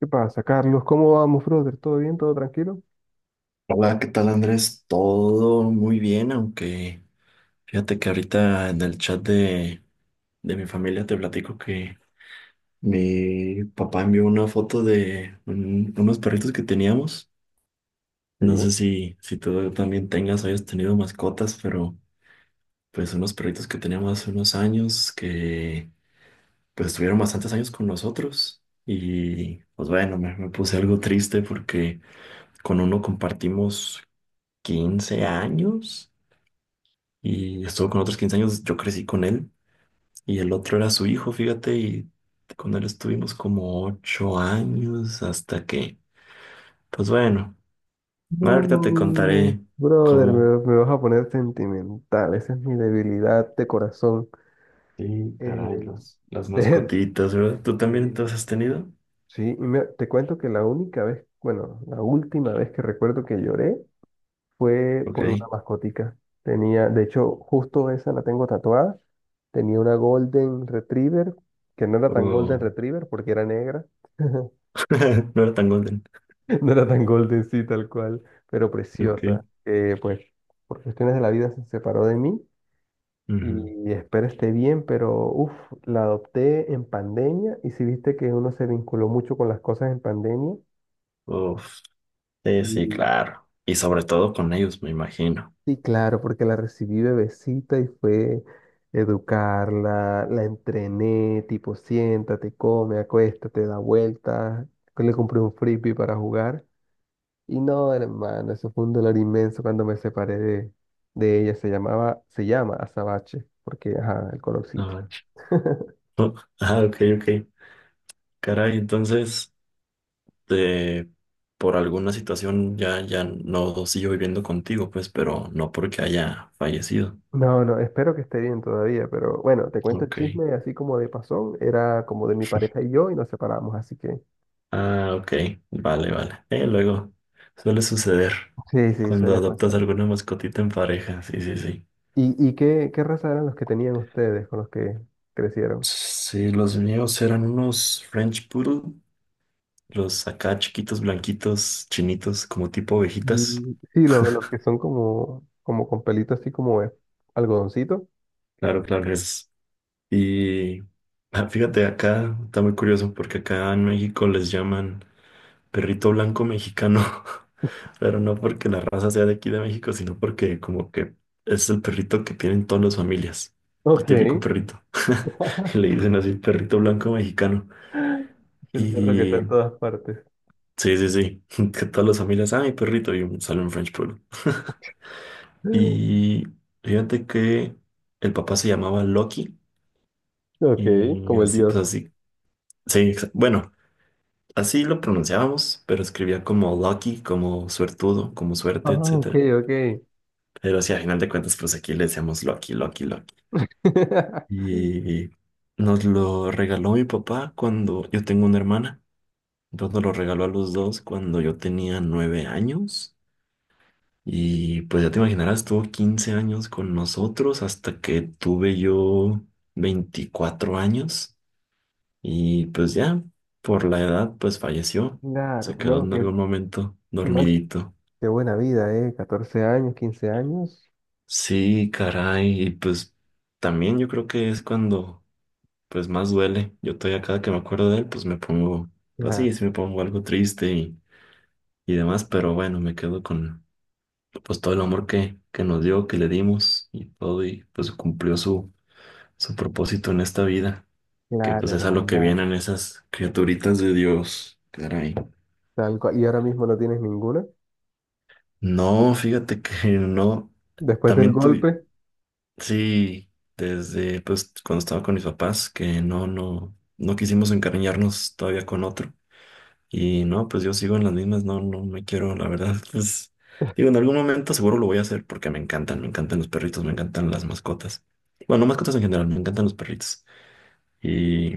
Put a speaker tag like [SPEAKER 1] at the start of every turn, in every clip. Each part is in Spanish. [SPEAKER 1] ¿Qué pasa, Carlos? ¿Cómo vamos, brother? ¿Todo bien? ¿Todo tranquilo?
[SPEAKER 2] Hola, ¿qué tal Andrés? Todo muy bien, aunque fíjate que ahorita en el chat de mi familia te platico que mi papá envió una foto de unos perritos que teníamos.
[SPEAKER 1] Sí.
[SPEAKER 2] No sé si tú también tengas o hayas tenido mascotas, pero pues unos perritos que teníamos hace unos años que pues estuvieron bastantes años con nosotros. Y pues bueno, me puse algo triste porque con uno compartimos 15 años. Y estuvo con otros 15 años, yo crecí con él y el otro era su hijo, fíjate, y con él estuvimos como 8 años hasta que, pues bueno, ahorita te
[SPEAKER 1] No,
[SPEAKER 2] contaré
[SPEAKER 1] brother,
[SPEAKER 2] cómo.
[SPEAKER 1] me vas a poner sentimental. Esa es mi debilidad de corazón.
[SPEAKER 2] Sí,
[SPEAKER 1] Eh,
[SPEAKER 2] caray, las
[SPEAKER 1] de-
[SPEAKER 2] mascotitas, ¿verdad? ¿Tú también te
[SPEAKER 1] de-
[SPEAKER 2] las has tenido?
[SPEAKER 1] sí, y te cuento que la única vez, bueno, la última vez que recuerdo que lloré fue por una
[SPEAKER 2] Ok.
[SPEAKER 1] mascotica. Tenía, de hecho, justo esa la tengo tatuada. Tenía una Golden Retriever, que no era tan Golden
[SPEAKER 2] Oh,
[SPEAKER 1] Retriever porque era negra.
[SPEAKER 2] no era tan golden.
[SPEAKER 1] No era tan golden, sí, tal cual, pero
[SPEAKER 2] Ok.
[SPEAKER 1] preciosa. Pues por cuestiones de la vida se separó de mí
[SPEAKER 2] Ujú.
[SPEAKER 1] y espero esté bien, pero uff, la adopté en pandemia y si viste que uno se vinculó mucho con las cosas en pandemia.
[SPEAKER 2] Uf. Sí, sí,
[SPEAKER 1] Sí,
[SPEAKER 2] claro. Y sobre todo con ellos, me imagino.
[SPEAKER 1] sí, claro, porque la recibí bebecita y fue educarla, la entrené, tipo, siéntate, come, acuéstate, da vueltas, le compré un frisbee para jugar. Y no, hermano, eso fue un dolor inmenso cuando me separé de ella. Se llamaba, se llama Azabache, porque, ajá, el colorcito.
[SPEAKER 2] Ah, ch- Ah, ok, ok. Caray, entonces... eh, por alguna situación ya no sigo viviendo contigo, pues, pero no porque haya fallecido.
[SPEAKER 1] No, no, espero que esté bien todavía, pero bueno, te cuento el
[SPEAKER 2] Ok.
[SPEAKER 1] chisme así como de pasón, era como de mi pareja y yo y nos separamos, así que
[SPEAKER 2] Ah, ok. Vale, vale. Luego suele suceder
[SPEAKER 1] sí, sí,
[SPEAKER 2] cuando
[SPEAKER 1] suele pasar.
[SPEAKER 2] adoptas alguna mascotita en pareja. Sí, sí, sí.
[SPEAKER 1] ¿Y qué raza eran los que tenían ustedes con los que crecieron?
[SPEAKER 2] Sí, los míos eran unos French Poodle, los acá chiquitos, blanquitos, chinitos, como tipo ovejitas.
[SPEAKER 1] Mm, sí, los que son como, como con pelito así como algodoncito.
[SPEAKER 2] Claro, claro, es. Y ah, fíjate, acá está muy curioso porque acá en México les llaman perrito blanco mexicano, pero no porque la raza sea de aquí de México, sino porque como que es el perrito que tienen todas las familias, el
[SPEAKER 1] Ok.
[SPEAKER 2] típico perrito. Y le dicen así, perrito blanco mexicano.
[SPEAKER 1] Es el perro que está
[SPEAKER 2] Y
[SPEAKER 1] en todas partes.
[SPEAKER 2] sí, sí, sí, que todas las familias, ah, mi perrito, y sale un French Poodle.
[SPEAKER 1] Ok,
[SPEAKER 2] Y fíjate que el papá se llamaba Loki y
[SPEAKER 1] como el
[SPEAKER 2] así, pues
[SPEAKER 1] dios.
[SPEAKER 2] así. Sí, bueno, así lo pronunciábamos, pero escribía como Lucky, como suertudo, como
[SPEAKER 1] Ah,
[SPEAKER 2] suerte,
[SPEAKER 1] ok,
[SPEAKER 2] etc.
[SPEAKER 1] ok.
[SPEAKER 2] Pero sí, a final de cuentas, pues aquí le decíamos Loki, Loki, Loki. Y nos lo regaló mi papá cuando yo tengo una hermana. Entonces nos lo regaló a los dos cuando yo tenía 9 años. Y pues ya te imaginarás, tuvo 15 años con nosotros hasta que tuve yo 24 años. Y pues ya, por la edad, pues falleció. Se
[SPEAKER 1] Claro,
[SPEAKER 2] quedó
[SPEAKER 1] no,
[SPEAKER 2] en
[SPEAKER 1] que
[SPEAKER 2] algún momento
[SPEAKER 1] igual,
[SPEAKER 2] dormidito.
[SPEAKER 1] qué buena vida, ¿eh? 14 años, 15 años.
[SPEAKER 2] Sí, caray. Y pues también yo creo que es cuando pues más duele. Yo todavía cada que me acuerdo de él, pues me pongo
[SPEAKER 1] Ya,
[SPEAKER 2] así, sí me pongo algo triste y demás, pero bueno, me quedo con pues todo el amor que nos dio, que le dimos y todo, y pues cumplió su, su propósito en esta vida, que pues
[SPEAKER 1] claro,
[SPEAKER 2] es a lo que
[SPEAKER 1] hermano.
[SPEAKER 2] vienen esas criaturitas de Dios. Caray.
[SPEAKER 1] Tal cual. ¿Y ahora mismo no tienes ninguna?
[SPEAKER 2] No, fíjate que no,
[SPEAKER 1] Después del
[SPEAKER 2] también tuve,
[SPEAKER 1] golpe.
[SPEAKER 2] sí, desde pues cuando estaba con mis papás, que no quisimos encariñarnos todavía con otro. Y no, pues yo sigo en las mismas, no me quiero, la verdad, pues digo, en algún momento seguro lo voy a hacer porque me encantan los perritos, me encantan las mascotas. Bueno, no mascotas en general, me encantan los perritos. Y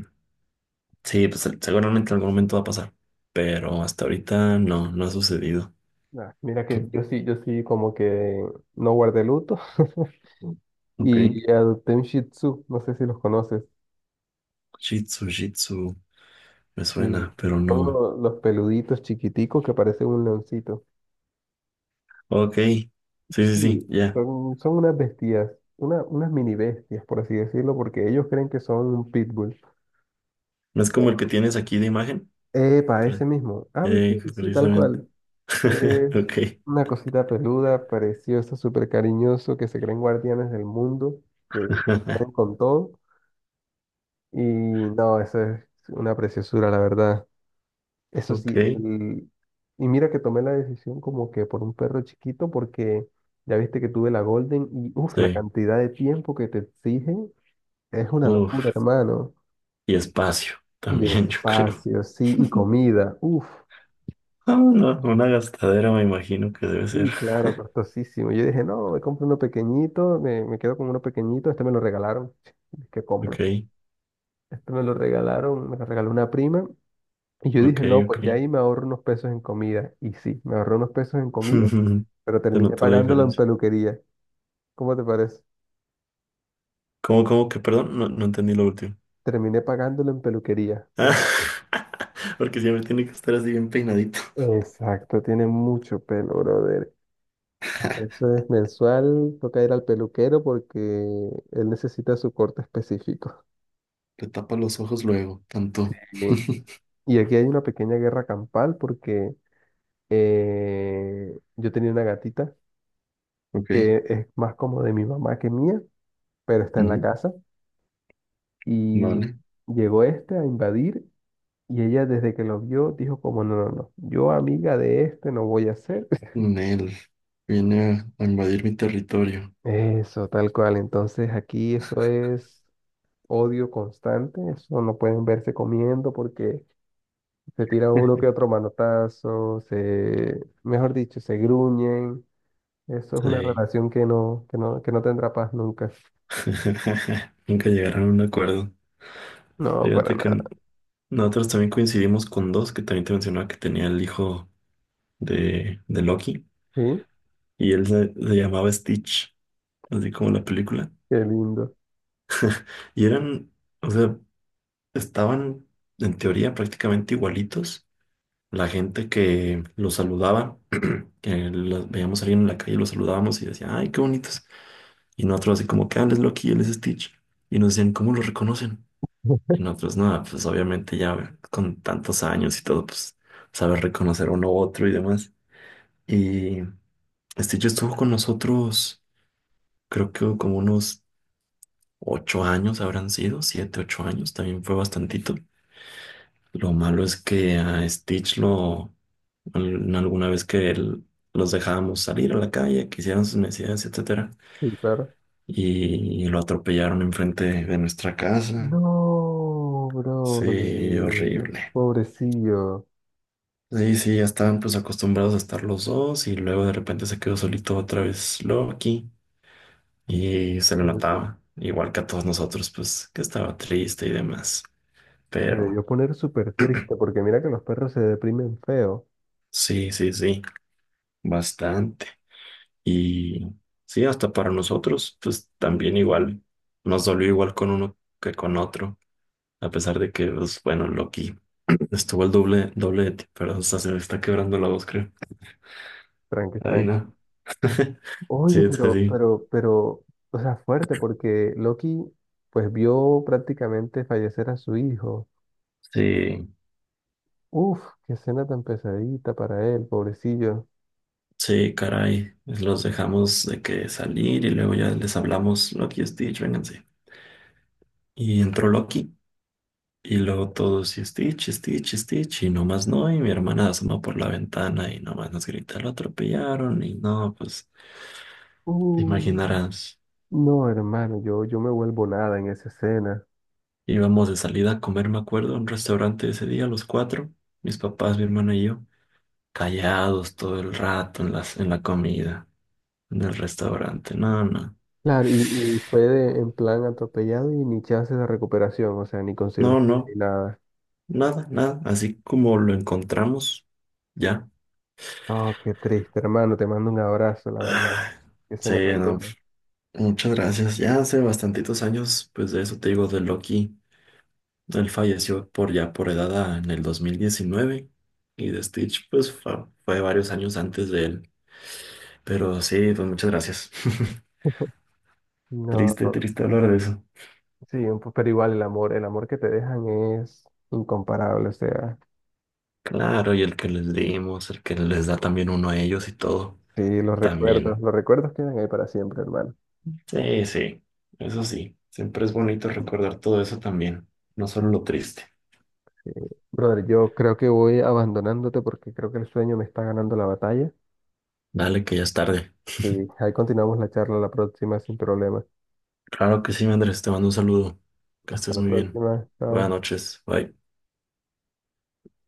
[SPEAKER 2] sí, pues seguramente en algún momento va a pasar, pero hasta ahorita no, no ha sucedido.
[SPEAKER 1] Ah, mira que yo sí, yo sí como que no guardé luto.
[SPEAKER 2] Ok,
[SPEAKER 1] Y adopté un Shih Tzu, no sé si los conoces.
[SPEAKER 2] Shih Tzu, Shih Tzu, me suena,
[SPEAKER 1] Sí,
[SPEAKER 2] pero no.
[SPEAKER 1] son los peluditos chiquiticos que parecen un leoncito.
[SPEAKER 2] Ok, sí, sí, sí,
[SPEAKER 1] Sí,
[SPEAKER 2] ya.
[SPEAKER 1] son, son unas bestias, una, unas mini bestias, por así decirlo, porque ellos creen que son un pitbull.
[SPEAKER 2] No es como el que tienes aquí de imagen,
[SPEAKER 1] Epa, ese
[SPEAKER 2] pero,
[SPEAKER 1] mismo. Ah, sí, sí, sí, tal
[SPEAKER 2] precisamente.
[SPEAKER 1] cual. Es
[SPEAKER 2] Ok,
[SPEAKER 1] una cosita peluda, preciosa, súper cariñoso, que se creen guardianes del mundo, que, que pueden con todo. Y no, eso es una preciosura, la verdad. Eso
[SPEAKER 2] ok,
[SPEAKER 1] sí, el... y mira que tomé la decisión como que por un perro chiquito, porque ya viste que tuve la Golden y uff, la
[SPEAKER 2] sí.
[SPEAKER 1] cantidad de tiempo que te exige. Es una locura,
[SPEAKER 2] Uf.
[SPEAKER 1] hermano.
[SPEAKER 2] Y espacio
[SPEAKER 1] Y
[SPEAKER 2] también, yo creo.
[SPEAKER 1] espacio, sí, y comida. Uf,
[SPEAKER 2] Ah, no, una gastadera me imagino que debe ser.
[SPEAKER 1] sí, claro, costosísimo. Yo dije, no, me compro uno pequeñito, me quedo con uno pequeñito, este me lo regalaron. ¿Qué
[SPEAKER 2] Ok,
[SPEAKER 1] compro? Este me lo regalaron, me lo regaló una prima. Y yo
[SPEAKER 2] ok,
[SPEAKER 1] dije, no,
[SPEAKER 2] ok.
[SPEAKER 1] pues ya ahí me ahorro unos pesos en comida. Y sí, me ahorré unos pesos en comida, pero
[SPEAKER 2] Te
[SPEAKER 1] terminé
[SPEAKER 2] noté la
[SPEAKER 1] pagándolo en
[SPEAKER 2] diferencia.
[SPEAKER 1] peluquería. ¿Cómo te parece?
[SPEAKER 2] ¿Cómo que, perdón? No, no entendí lo último.
[SPEAKER 1] Terminé pagándolo en peluquería.
[SPEAKER 2] Ah,
[SPEAKER 1] Porque...
[SPEAKER 2] porque siempre tiene que estar así bien peinadito.
[SPEAKER 1] Exacto, tiene mucho pelo, brother. Eso es mensual, toca ir al peluquero porque él necesita su corte específico.
[SPEAKER 2] Te tapa los ojos luego, tanto.
[SPEAKER 1] Sí. Y aquí hay una pequeña guerra campal porque yo tenía una gatita
[SPEAKER 2] Ok,
[SPEAKER 1] que es más como de mi mamá que mía, pero está en la
[SPEAKER 2] ujú,
[SPEAKER 1] casa y
[SPEAKER 2] vale.
[SPEAKER 1] llegó este a invadir y ella desde que lo vio dijo como no, no, no, yo amiga de este no voy a ser.
[SPEAKER 2] Nel viene a invadir mi territorio.
[SPEAKER 1] Eso, tal cual. Entonces aquí eso es odio constante, eso no pueden verse comiendo porque se tira uno que otro manotazo, se, mejor dicho, se gruñen. Eso es una
[SPEAKER 2] Sí.
[SPEAKER 1] relación que no, que no, que no tendrá paz nunca.
[SPEAKER 2] Nunca llegaron a un acuerdo.
[SPEAKER 1] No, para
[SPEAKER 2] Fíjate que
[SPEAKER 1] nada.
[SPEAKER 2] nosotros también coincidimos con dos, que también te mencionaba que tenía el hijo de Loki,
[SPEAKER 1] Sí,
[SPEAKER 2] y él se llamaba Stitch, así como la película.
[SPEAKER 1] qué lindo.
[SPEAKER 2] Y eran, o sea, estaban en teoría prácticamente igualitos. La gente que los saludaba, que los veíamos salir en la calle, los saludábamos y decían, ay, qué bonitos. Y nosotros así como, que "Ah, él es Loki, él es Stitch". Y nos decían, ¿cómo lo reconocen? Y nosotros, nada, pues obviamente ya con tantos años y todo, pues saber reconocer uno u otro y demás. Y este yo estuvo con nosotros, creo que como unos 8 años habrán sido, siete, 8 años, también fue bastantito. Lo malo es que a alguna vez que los dejábamos salir a la calle, que hicieran sus necesidades, etcétera,
[SPEAKER 1] Sí, claro.
[SPEAKER 2] y lo atropellaron enfrente de nuestra casa.
[SPEAKER 1] No,
[SPEAKER 2] Sí,
[SPEAKER 1] brother.
[SPEAKER 2] horrible.
[SPEAKER 1] Pobrecillo.
[SPEAKER 2] Sí, sí, ya estaban pues acostumbrados a estar los dos y luego de repente se quedó solito otra vez Loki. Y se lo
[SPEAKER 1] Se
[SPEAKER 2] notaba, igual que a todos nosotros, pues que estaba triste y demás.
[SPEAKER 1] se
[SPEAKER 2] Pero
[SPEAKER 1] debió poner súper triste porque mira que los perros se deprimen feo.
[SPEAKER 2] sí, sí, sí, bastante. Y sí, hasta para nosotros, pues también igual, nos dolió igual con uno que con otro, a pesar de que, pues bueno, Loki estuvo el doble de ti, pero hasta se me está quebrando la voz, creo.
[SPEAKER 1] Tranqui,
[SPEAKER 2] Ay,
[SPEAKER 1] tranqui.
[SPEAKER 2] no.
[SPEAKER 1] Oye,
[SPEAKER 2] Sí, sí, sí.
[SPEAKER 1] pero, o sea, fuerte porque Loki pues vio prácticamente fallecer a su hijo.
[SPEAKER 2] Sí,
[SPEAKER 1] Uf, qué escena tan pesadita para él, pobrecillo.
[SPEAKER 2] sí, caray. Los dejamos de que salir y luego ya les hablamos, Loki y Stitch, vénganse. Y entró Loki y luego todos y Stitch, Stitch, Stitch y no más no. Y mi hermana asoma por la ventana y nomás nos grita, lo atropellaron y no, pues te
[SPEAKER 1] Uh,
[SPEAKER 2] imaginarás.
[SPEAKER 1] no, hermano, yo me vuelvo nada en esa escena.
[SPEAKER 2] Íbamos de salida a comer, me acuerdo, a un restaurante ese día, los cuatro, mis papás, mi hermana y yo, callados todo el rato en en la comida, en el restaurante. No, no,
[SPEAKER 1] Claro, y fue en plan atropellado y ni chance de recuperación, o sea, ni con
[SPEAKER 2] no,
[SPEAKER 1] cirugía ni
[SPEAKER 2] no,
[SPEAKER 1] nada.
[SPEAKER 2] nada, nada. Así como lo encontramos, ya.
[SPEAKER 1] No, qué triste, hermano, te mando un abrazo, la verdad.
[SPEAKER 2] Ah,
[SPEAKER 1] Qué
[SPEAKER 2] sí,
[SPEAKER 1] escena tan
[SPEAKER 2] no.
[SPEAKER 1] dura.
[SPEAKER 2] Muchas gracias. Ya hace bastantitos años, pues de eso te digo, de Loki. Él falleció por ya por edad en el 2019 y de Stitch, pues fue, varios años antes de él. Pero sí, pues muchas gracias.
[SPEAKER 1] No,
[SPEAKER 2] Triste, triste hablar de eso.
[SPEAKER 1] sí, pero igual el amor que te dejan es incomparable, o sea,
[SPEAKER 2] Claro, y el que les dimos, el que les da también uno a ellos y todo,
[SPEAKER 1] sí,
[SPEAKER 2] también.
[SPEAKER 1] los recuerdos quedan ahí para siempre, hermano.
[SPEAKER 2] Sí, sí, eso sí. Siempre es bonito recordar todo eso también, no solo lo triste.
[SPEAKER 1] Brother, yo creo que voy abandonándote porque creo que el sueño me está ganando la batalla.
[SPEAKER 2] Dale, que ya es tarde.
[SPEAKER 1] Sí, ahí continuamos la charla la próxima sin problema.
[SPEAKER 2] Claro que sí, Andrés, te mando un saludo. Que
[SPEAKER 1] Hasta
[SPEAKER 2] estés
[SPEAKER 1] la
[SPEAKER 2] muy bien.
[SPEAKER 1] próxima.
[SPEAKER 2] Buenas
[SPEAKER 1] Chao.
[SPEAKER 2] noches. Bye.